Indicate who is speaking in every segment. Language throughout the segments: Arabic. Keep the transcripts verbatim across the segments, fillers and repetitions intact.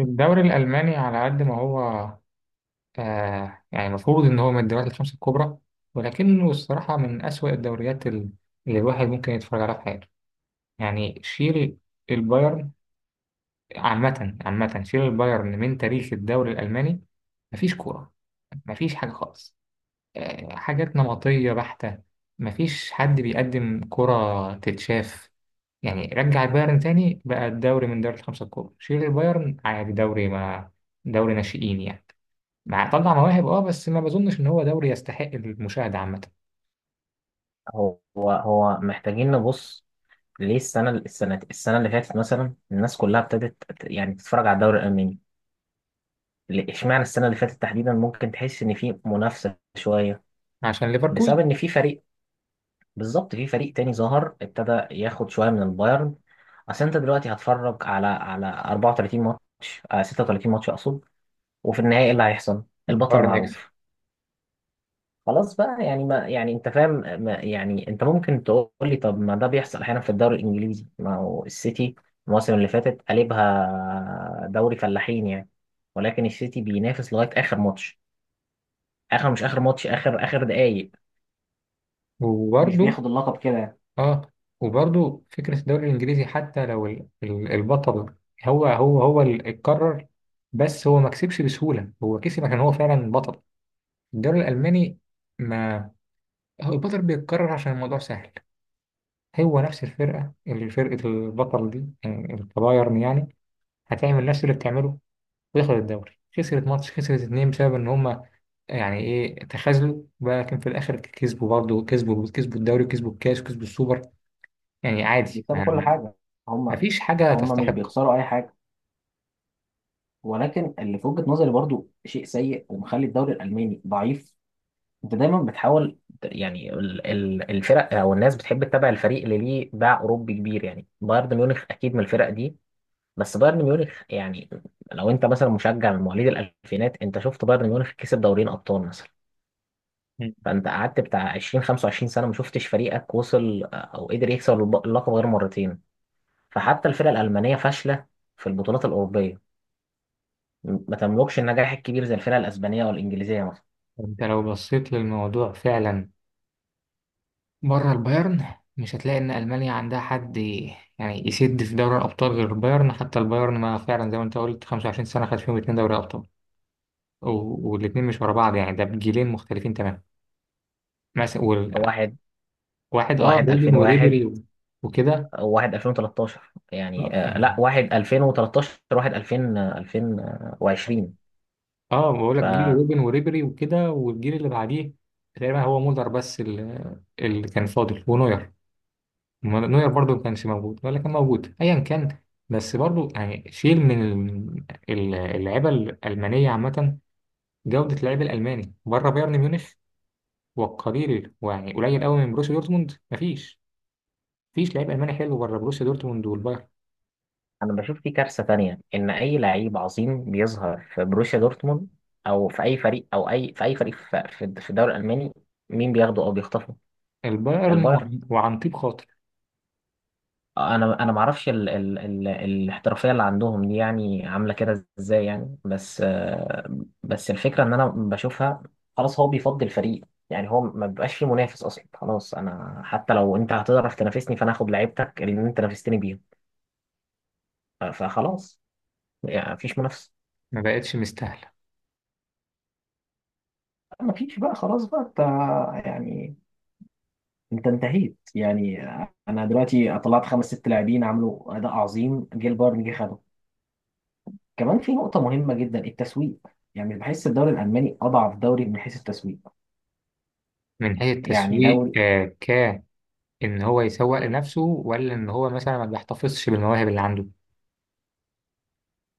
Speaker 1: الدوري الألماني على قد ما هو. آه يعني المفروض إن هو من الدوريات الخمسة الكبرى، ولكنه الصراحة من أسوأ الدوريات ال- اللي الواحد ممكن يتفرج عليها في حياته. يعني شيل البايرن عامة عامة، شيل البايرن من تاريخ الدوري الألماني، مفيش كورة، مفيش حاجة خالص. آه حاجات نمطية بحتة، مفيش حد بيقدم كرة تتشاف. يعني رجع البايرن تاني، بقى الدوري من دوري الخمسة الكبرى شيل البايرن عادي دوري ما دوري ناشئين يعني، مع طلع مواهب، اه بس ما بظنش ان هو دوري يستحق المشاهده عامه.
Speaker 2: هو هو محتاجين نبص. ليه السنة السنة السنة اللي فاتت مثلا الناس كلها ابتدت ت- يعني تتفرج على الدوري الألماني؟ ليه- اشمعنى السنة اللي فاتت تحديدا ممكن تحس إن في منافسة شوية.
Speaker 1: عشان
Speaker 2: بسبب
Speaker 1: ليفركوزن.
Speaker 2: إن في فريق، بالظبط في فريق تاني ظهر ابتدى ياخد شوية من البايرن. أصل أنت دلوقتي هتفرج على على أربعة وثلاثين ماتش، آه، ستة وثلاثين ماتش أقصد، وفي النهاية إيه اللي هيحصل؟ البطل
Speaker 1: البايرن يكسب.
Speaker 2: معروف. خلاص بقى يعني، ما يعني انت فاهم. ما يعني انت ممكن تقول لي طب ما ده بيحصل احيانا في الدوري الانجليزي، ما هو السيتي المواسم اللي فاتت قلبها دوري فلاحين يعني. ولكن السيتي بينافس لغايه اخر ماتش، اخر، مش اخر ماتش، اخر اخر دقايق. مش
Speaker 1: وبرده.
Speaker 2: بياخد اللقب كده يعني.
Speaker 1: اه. وبرده فكره الدوري الانجليزي حتى لو ال- ال- البطل هو هو هو اللي اتكرر، بس هو ما كسبش بسهوله، هو كسب عشان هو فعلا بطل. الدوري الالماني، ما هو البطل بيتكرر عشان الموضوع سهل. هو نفس الفرقه اللي فرقه البطل دي يعني البايرن يعني هتعمل نفس اللي بتعمله وياخد الدوري. خسرت ماتش، خسرت اتنين بسبب ان هم يعني ايه تخاذلوا بقى، لكن في الاخر كسبوا، برضه كسبوا كسبوا الدوري وكسبوا الكاس وكسبوا السوبر. يعني عادي ما,
Speaker 2: بيكسبوا كل
Speaker 1: ما
Speaker 2: حاجه.
Speaker 1: ما
Speaker 2: هم
Speaker 1: فيش حاجة
Speaker 2: هم مش
Speaker 1: تستحق.
Speaker 2: بيخسروا اي حاجه. ولكن اللي في وجهه نظري برضو شيء سيء ومخلي الدوري الالماني ضعيف. انت دايما بتحاول، يعني ال- ال- الفرق او الناس بتحب تتابع الفريق اللي ليه باع اوروبي كبير، يعني بايرن ميونخ اكيد من الفرق دي. بس بايرن ميونخ يعني، لو انت مثلا مشجع من مواليد الالفينات، انت شفت بايرن ميونخ كسب دورين ابطال مثلا.
Speaker 1: مم.
Speaker 2: فانت قعدت بتاع عشرين خمسة وعشرين سنه ما شفتش فريقك وصل، آه، او قدر يكسب الب- اللقب غير مرتين. فحتى الفرق الالمانيه فاشله في البطولات الاوروبيه، ما تملكش النجاح الكبير زي الفرق الاسبانيه والانجليزيه مثلا.
Speaker 1: انت لو بصيت للموضوع فعلا بره البايرن، مش هتلاقي ان المانيا عندها حد ي- يعني يسد في دوري الابطال غير البايرن. حتى البايرن ما فعلا زي ما انت قلت خمس وعشرين سنه خد فيهم اتنين دوري ابطال، و- والاتنين مش ورا بعض يعني، ده بجيلين مختلفين تماما مثلا وال-
Speaker 2: واحد،
Speaker 1: واحد اه
Speaker 2: واحد
Speaker 1: رودن
Speaker 2: ألفين وواحد،
Speaker 1: وريبيري و- وكده.
Speaker 2: واحد ألفين وتلتاشر، يعني آه،
Speaker 1: آه.
Speaker 2: لا، واحد ألفين وتلتاشر، واحد ألفين، آه، ألفين وعشرين.
Speaker 1: اه بقول لك جيل
Speaker 2: فانا
Speaker 1: روبن وريبري وكده والجيل اللي بعديه تقريبا هو مولر بس اللي, اللي كان فاضل ونوير. نوير برضو ما كانش موجود ولا كان موجود ايا كان. بس برضو يعني شيل من ال- اللعيبه الالمانيه عامه، جوده اللعيب الالماني بره بايرن ميونخ والقليل، ويعني قليل قوي من بروسيا دورتموند، مفيش، مفيش لعيب الماني حلو بره بروسيا دورتموند والبايرن.
Speaker 2: بشوف في كارثه تانية، ان اي لعيب عظيم بيظهر في بروسيا دورتموند او في اي فريق، او اي، في اي فريق في في الدوري الالماني، مين بياخده او بيخطفه؟
Speaker 1: البايرن
Speaker 2: البايرن.
Speaker 1: وعن وعن طيب خاطر.
Speaker 2: انا انا ما اعرفش ال... ال... ال... الاحترافيه اللي عندهم دي يعني عامله كده ازاي يعني، بس آه، بس الفكره ان انا بشوفها، خلاص هو بيفضي الفريق. يعني هو ما بيبقاش فيه منافس اصلا. خلاص انا حتى لو انت هتعرف تنافسني، فانا هاخد لعيبتك اللي انت نافستني بيهم. ف- فخلاص، يعني مفيش منافسه.
Speaker 1: ما بقتش مستاهله.
Speaker 2: مفيش بقى، خلاص بقى انت، يعني انت انتهيت يعني. انا دلوقتي طلعت خمس ست لاعبين عملوا اداء عظيم، جه البايرن جه خدهم. كمان في نقطة مهمة جدا، التسويق. يعني بحس الدوري الألماني أضعف دوري من حيث التسويق.
Speaker 1: من حيث
Speaker 2: يعني
Speaker 1: التسويق،
Speaker 2: دوري،
Speaker 1: آه، ان هو يسوق لنفسه ولا ان هو مثلا ما بيحتفظش بالمواهب اللي عنده.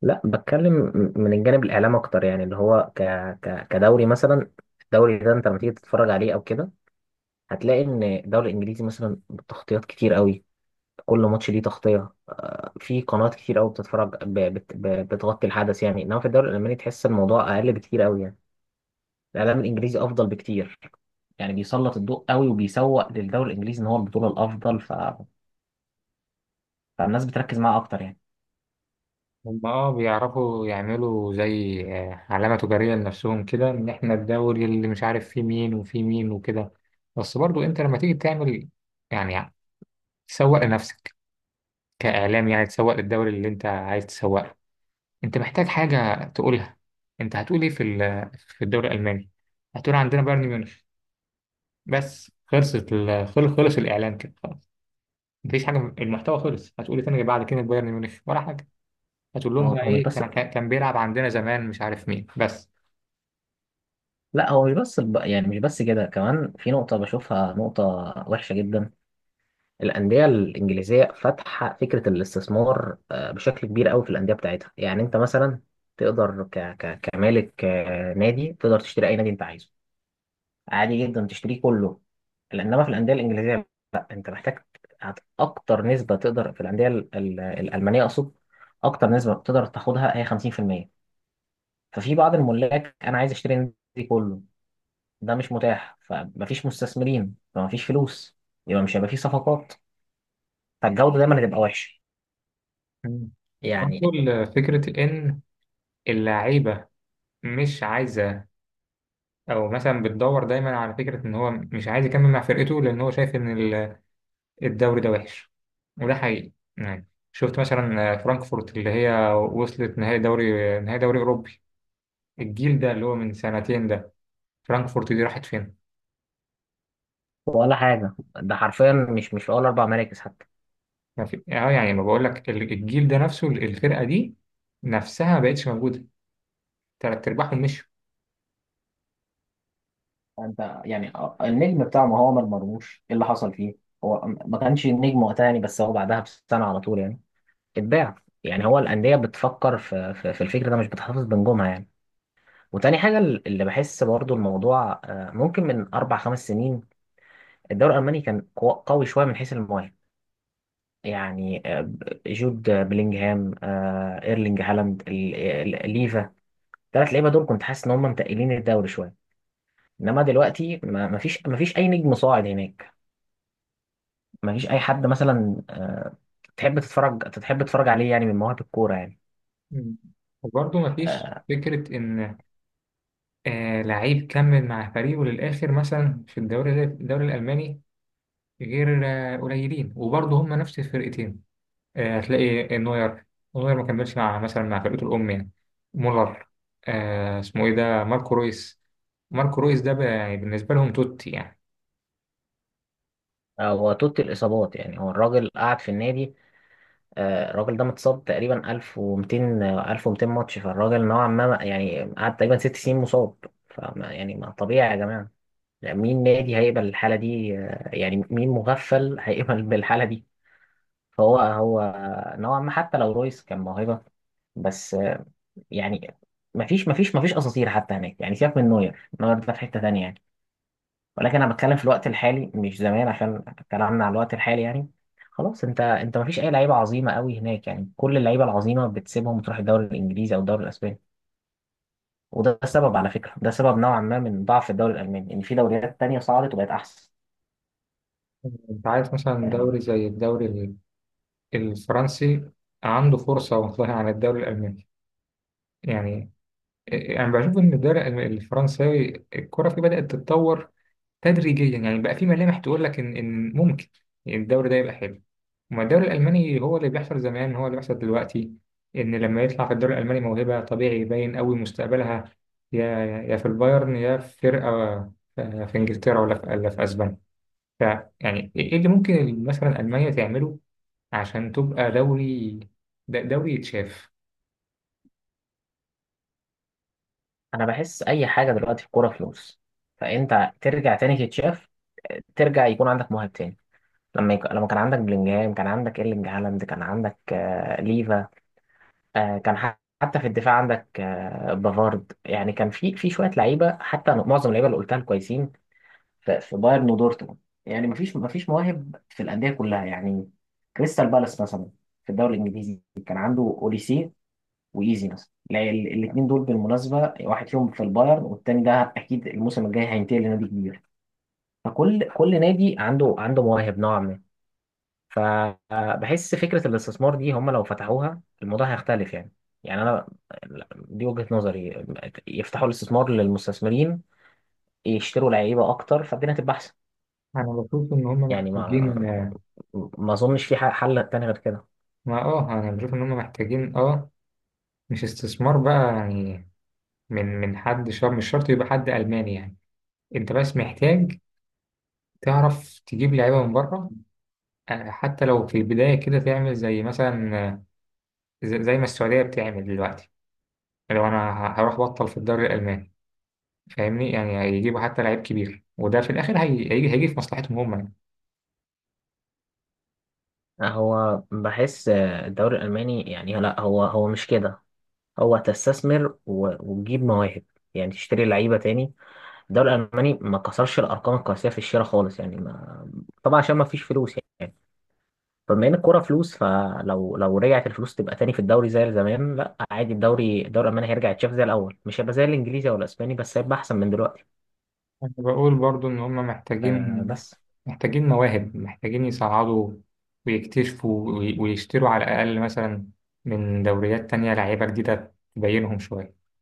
Speaker 2: لا بتكلم م- من الجانب الاعلام اكتر، يعني اللي هو ك... ك... كدوري مثلا. الدوري ده انت لما تيجي تتفرج عليه او كده، هتلاقي ان الدوري الانجليزي مثلا تغطيات كتير قوي، كل ماتش ليه تغطيه. في قنوات كتير قوي بتتفرج ب... بت... ب... بتغطي الحدث يعني. انما في الدوري الالماني تحس الموضوع اقل بكتير قوي يعني. الاعلام الانجليزي افضل بكتير، يعني بيسلط الضوء قوي وبيسوق للدوري الانجليزي ان هو البطوله الافضل، فالناس بتركز معاه اكتر يعني.
Speaker 1: هم اه بيعرفوا يعملوا زي آه، علامة تجارية لنفسهم كده، ان احنا الدوري اللي مش عارف فيه مين وفيه مين وكده. بس برضو انت لما تيجي تعمل يعني تسوق لنفسك كإعلام، يعني تسوق للدوري اللي انت عايز تسوق له، انت محتاج حاجة تقولها. انت هتقول ايه في ال- في الدوري الألماني؟ هتقول عندنا بايرن ميونخ. بس خلصت ال- خل- خلص الإعلان كده، مفيش حاجه، المحتوى خلص. هتقول إيه تاني غير بعد كلمه بايرن ميونخ ولا حاجه؟ هتقول لهم
Speaker 2: هو
Speaker 1: بقى
Speaker 2: هو مش
Speaker 1: ايه،
Speaker 2: بس،
Speaker 1: كان كان كان بيلعب عندنا زمان مش عارف مين بس.
Speaker 2: لا هو مش بس الب- يعني مش بس كده، كمان في نقطة بشوفها نقطة وحشة جدا. الأندية الإنجليزية فاتحة فكرة الاستثمار، آه، بشكل كبير قوي في الأندية بتاعتها. يعني أنت مثلا تقدر ك... ك... كمالك، آه، نادي تقدر تشتري أي نادي أنت عايزه، عادي جدا تشتريه كله. إنما في الأندية الإنجليزية، لا أنت محتاج، هت- أكتر نسبة تقدر في الأندية ال- ال- الألمانية أقصد، أكتر نسبة تقدر تاخدها هي خمسين في المية. ففي بعض الملاك انا عايز اشتري النادي كله، ده مش متاح، فمفيش مستثمرين، فمفيش فلوس، يبقى مش هيبقى فيه صفقات، فالجوده دايما هتبقى وحشه
Speaker 1: مم.
Speaker 2: يعني.
Speaker 1: برضه فكره ان اللعيبه مش عايزه، او مثلا بتدور دايما على فكره ان هو مش عايز يكمل مع فرقته لان هو شايف ان ال- الدوري ده وحش. وده حقيقي، يعني شفت مثلا فرانكفورت اللي هي وصلت نهائي دوري نهائي دوري اوروبي، الجيل ده اللي هو من سنتين ده، فرانكفورت دي راحت فين؟
Speaker 2: ولا حاجه، ده حرفيا مش، مش في اول اربع مراكز حتى.
Speaker 1: ما في اه يعني ما بقول لك ال- الجيل ده نفسه ال- الفرقه دي نفسها ما بقتش موجوده، تلات ارباعهم مشوا.
Speaker 2: انت يعني، النجم بتاعه ما هو ما مرموش، ايه اللي حصل فيه؟ هو ما كانش النجم وقتها يعني، بس هو بعدها بسنه على طول يعني اتباع. يعني هو الانديه بتفكر في في, في الفكر ده، مش بتحتفظ بنجومها يعني. وتاني حاجه اللي بحس برضو الموضوع، آه، ممكن من اربع خمس سنين الدوري الألماني كان قو- قوي شوية من حيث المواهب. يعني آه، جود، آه، بلينجهام، آه، إيرلينج هالاند، ال- ال- ليفا. الثلاث لعيبة دول كنت حاسس إن هم متقلين الدوري شوية. إنما دلوقتي ما ما فيش، ما فيش أي نجم صاعد هناك. ما فيش أي حد مثلا، آه، تحب تتفرج تحب تتفرج عليه يعني من مواهب الكورة يعني.
Speaker 1: مم. وبرضه ما فيش
Speaker 2: آه،
Speaker 1: فكره ان آه لعيب كمل مع فريقه للاخر مثلا في الدوري ال- الدوري الالماني، غير آه قليلين، وبرضه هم نفس الفرقتين. آه هتلاقي نوير، نوير ما كملش مع مثلا مع فرقته الام يعني. مولر آه اسمه ايه ده، ماركو رويس. ماركو رويس ده بقى يعني بالنسبه لهم توتي يعني.
Speaker 2: هو توت الإصابات يعني، هو الراجل قعد في النادي، آه، الراجل ده متصاب تقريبا ألف ومئتين، آه، ألف ومئتين ماتش. فالراجل نوعا ما يعني قعد تقريبا ست سنين مصاب. فما يعني، ما طبيعي يا جماعة، يعني مين نادي هيقبل الحالة دي؟ آه، يعني مين مغفل هيقبل بالحالة دي؟ فهو هو، آه، نوعا ما حتى لو رويس كان موهبة، بس آه، يعني مفيش مفيش مفيش أساطير حتى هناك يعني. سيبك من نوير، نوير ده في حتة تانية يعني. ولكن أنا بتكلم في الوقت الحالي مش زمان، عشان كلامنا على الوقت الحالي يعني. خلاص، انت انت مفيش اي لعيبه عظيمه قوي هناك يعني، كل اللعيبه العظيمه بتسيبهم وتروح الدوري الانجليزي او الدوري الاسباني. وده سبب، على فكره ده سبب نوعا ما من ضعف الدوري الالماني، ان في دوريات تانية صعدت وبقت احسن.
Speaker 1: انت عارف مثلا دوري زي الدوري الفرنسي عنده فرصة والله عن الدوري الألماني. يعني يعني بشوف إن الدوري الألم- الفرنساوي الكرة فيه بدأت تتطور تدريجيا، يعني بقى في ملامح تقول لك إن إن ممكن الدوري ده يبقى حلو. وما الدوري الألماني هو اللي بيحصل زمان هو اللي بيحصل دلوقتي، إن لما يطلع في الدوري الألماني موهبة طبيعي يبين قوي مستقبلها، يا يا في البايرن يا في فرقة آه، في إنجلترا ولا في ولا في أسبانيا. ف- يعني إيه اللي ممكن مثلا ألمانيا تعمله عشان تبقى دوري د- دوري يتشاف؟
Speaker 2: انا بحس اي حاجه دلوقتي في الكوره فلوس، فانت ترجع تاني تتشاف، ترجع يكون عندك مواهب تاني. لما يك... لما كان عندك بلينجهام، كان عندك ايرلينج هالاند، كان عندك آه... ليفا، آه... كان ح... حتى في الدفاع عندك آه... بافارد. يعني كان في في شويه لعيبه، حتى معظم اللعيبه اللي قلتها كويسين في في بايرن ودورتموند. يعني مفيش مفيش مواهب في الانديه كلها يعني. كريستال بالاس مثلا في الدوري الانجليزي كان عنده اوليسي وايزي مثلا، الاثنين دول بالمناسبه واحد فيهم في البايرن والتاني ده اكيد الموسم الجاي هينتقل لنادي كبير. فكل كل نادي عنده عنده مواهب نوعا ما. فبحس فكره الاستثمار دي، هم لو فتحوها الموضوع هيختلف يعني. يعني انا، دي وجهه نظري، يفتحوا الاستثمار للمستثمرين، يشتروا لعيبه اكتر، فالدنيا هتبقى احسن.
Speaker 1: انا بشوف ان هم
Speaker 2: يعني
Speaker 1: محتاجين.
Speaker 2: ما ما اظنش في حل تاني غير كده.
Speaker 1: ما اه انا بشوف ان هم محتاجين، اه مش استثمار بقى يعني، من من حد، شر مش شرط يبقى حد الماني يعني. انت بس محتاج تعرف تجيب لعيبه من بره، آه، حتى لو في البدايه كده تعمل زي مثلا، آه، زي زي ما السعوديه بتعمل دلوقتي. لو انا ه- هروح بطل في الدوري الالماني، فاهمني يعني، هيجيبوا حتى لعيب كبير وده في الاخر هي- هيجي هيجي في مصلحتهم هم.
Speaker 2: هو بحس الدوري الالماني يعني، لا هو هو مش كده، هو تستثمر و- وتجيب مواهب، يعني تشتري لعيبه تاني. الدوري الالماني ما كسرش الارقام القياسيه في الشراء خالص يعني، ما طبعا عشان ما فيش فلوس يعني. فبما ان الكوره فلوس، فلو لو رجعت الفلوس تبقى تاني في الدوري زي زمان، لا عادي، الدوري، الدوري الالماني هيرجع يتشاف زي الاول، مش هيبقى زي الانجليزي او الاسباني، بس هيبقى احسن من دلوقتي.
Speaker 1: أنا بقول برضو إن هما
Speaker 2: آه
Speaker 1: محتاجين،
Speaker 2: بس
Speaker 1: محتاجين مواهب، محتاجين يصعدوا ويكتشفوا وي- ويشتروا على الأقل مثلا من دوريات تانية لعيبة جديدة تبينهم شوية.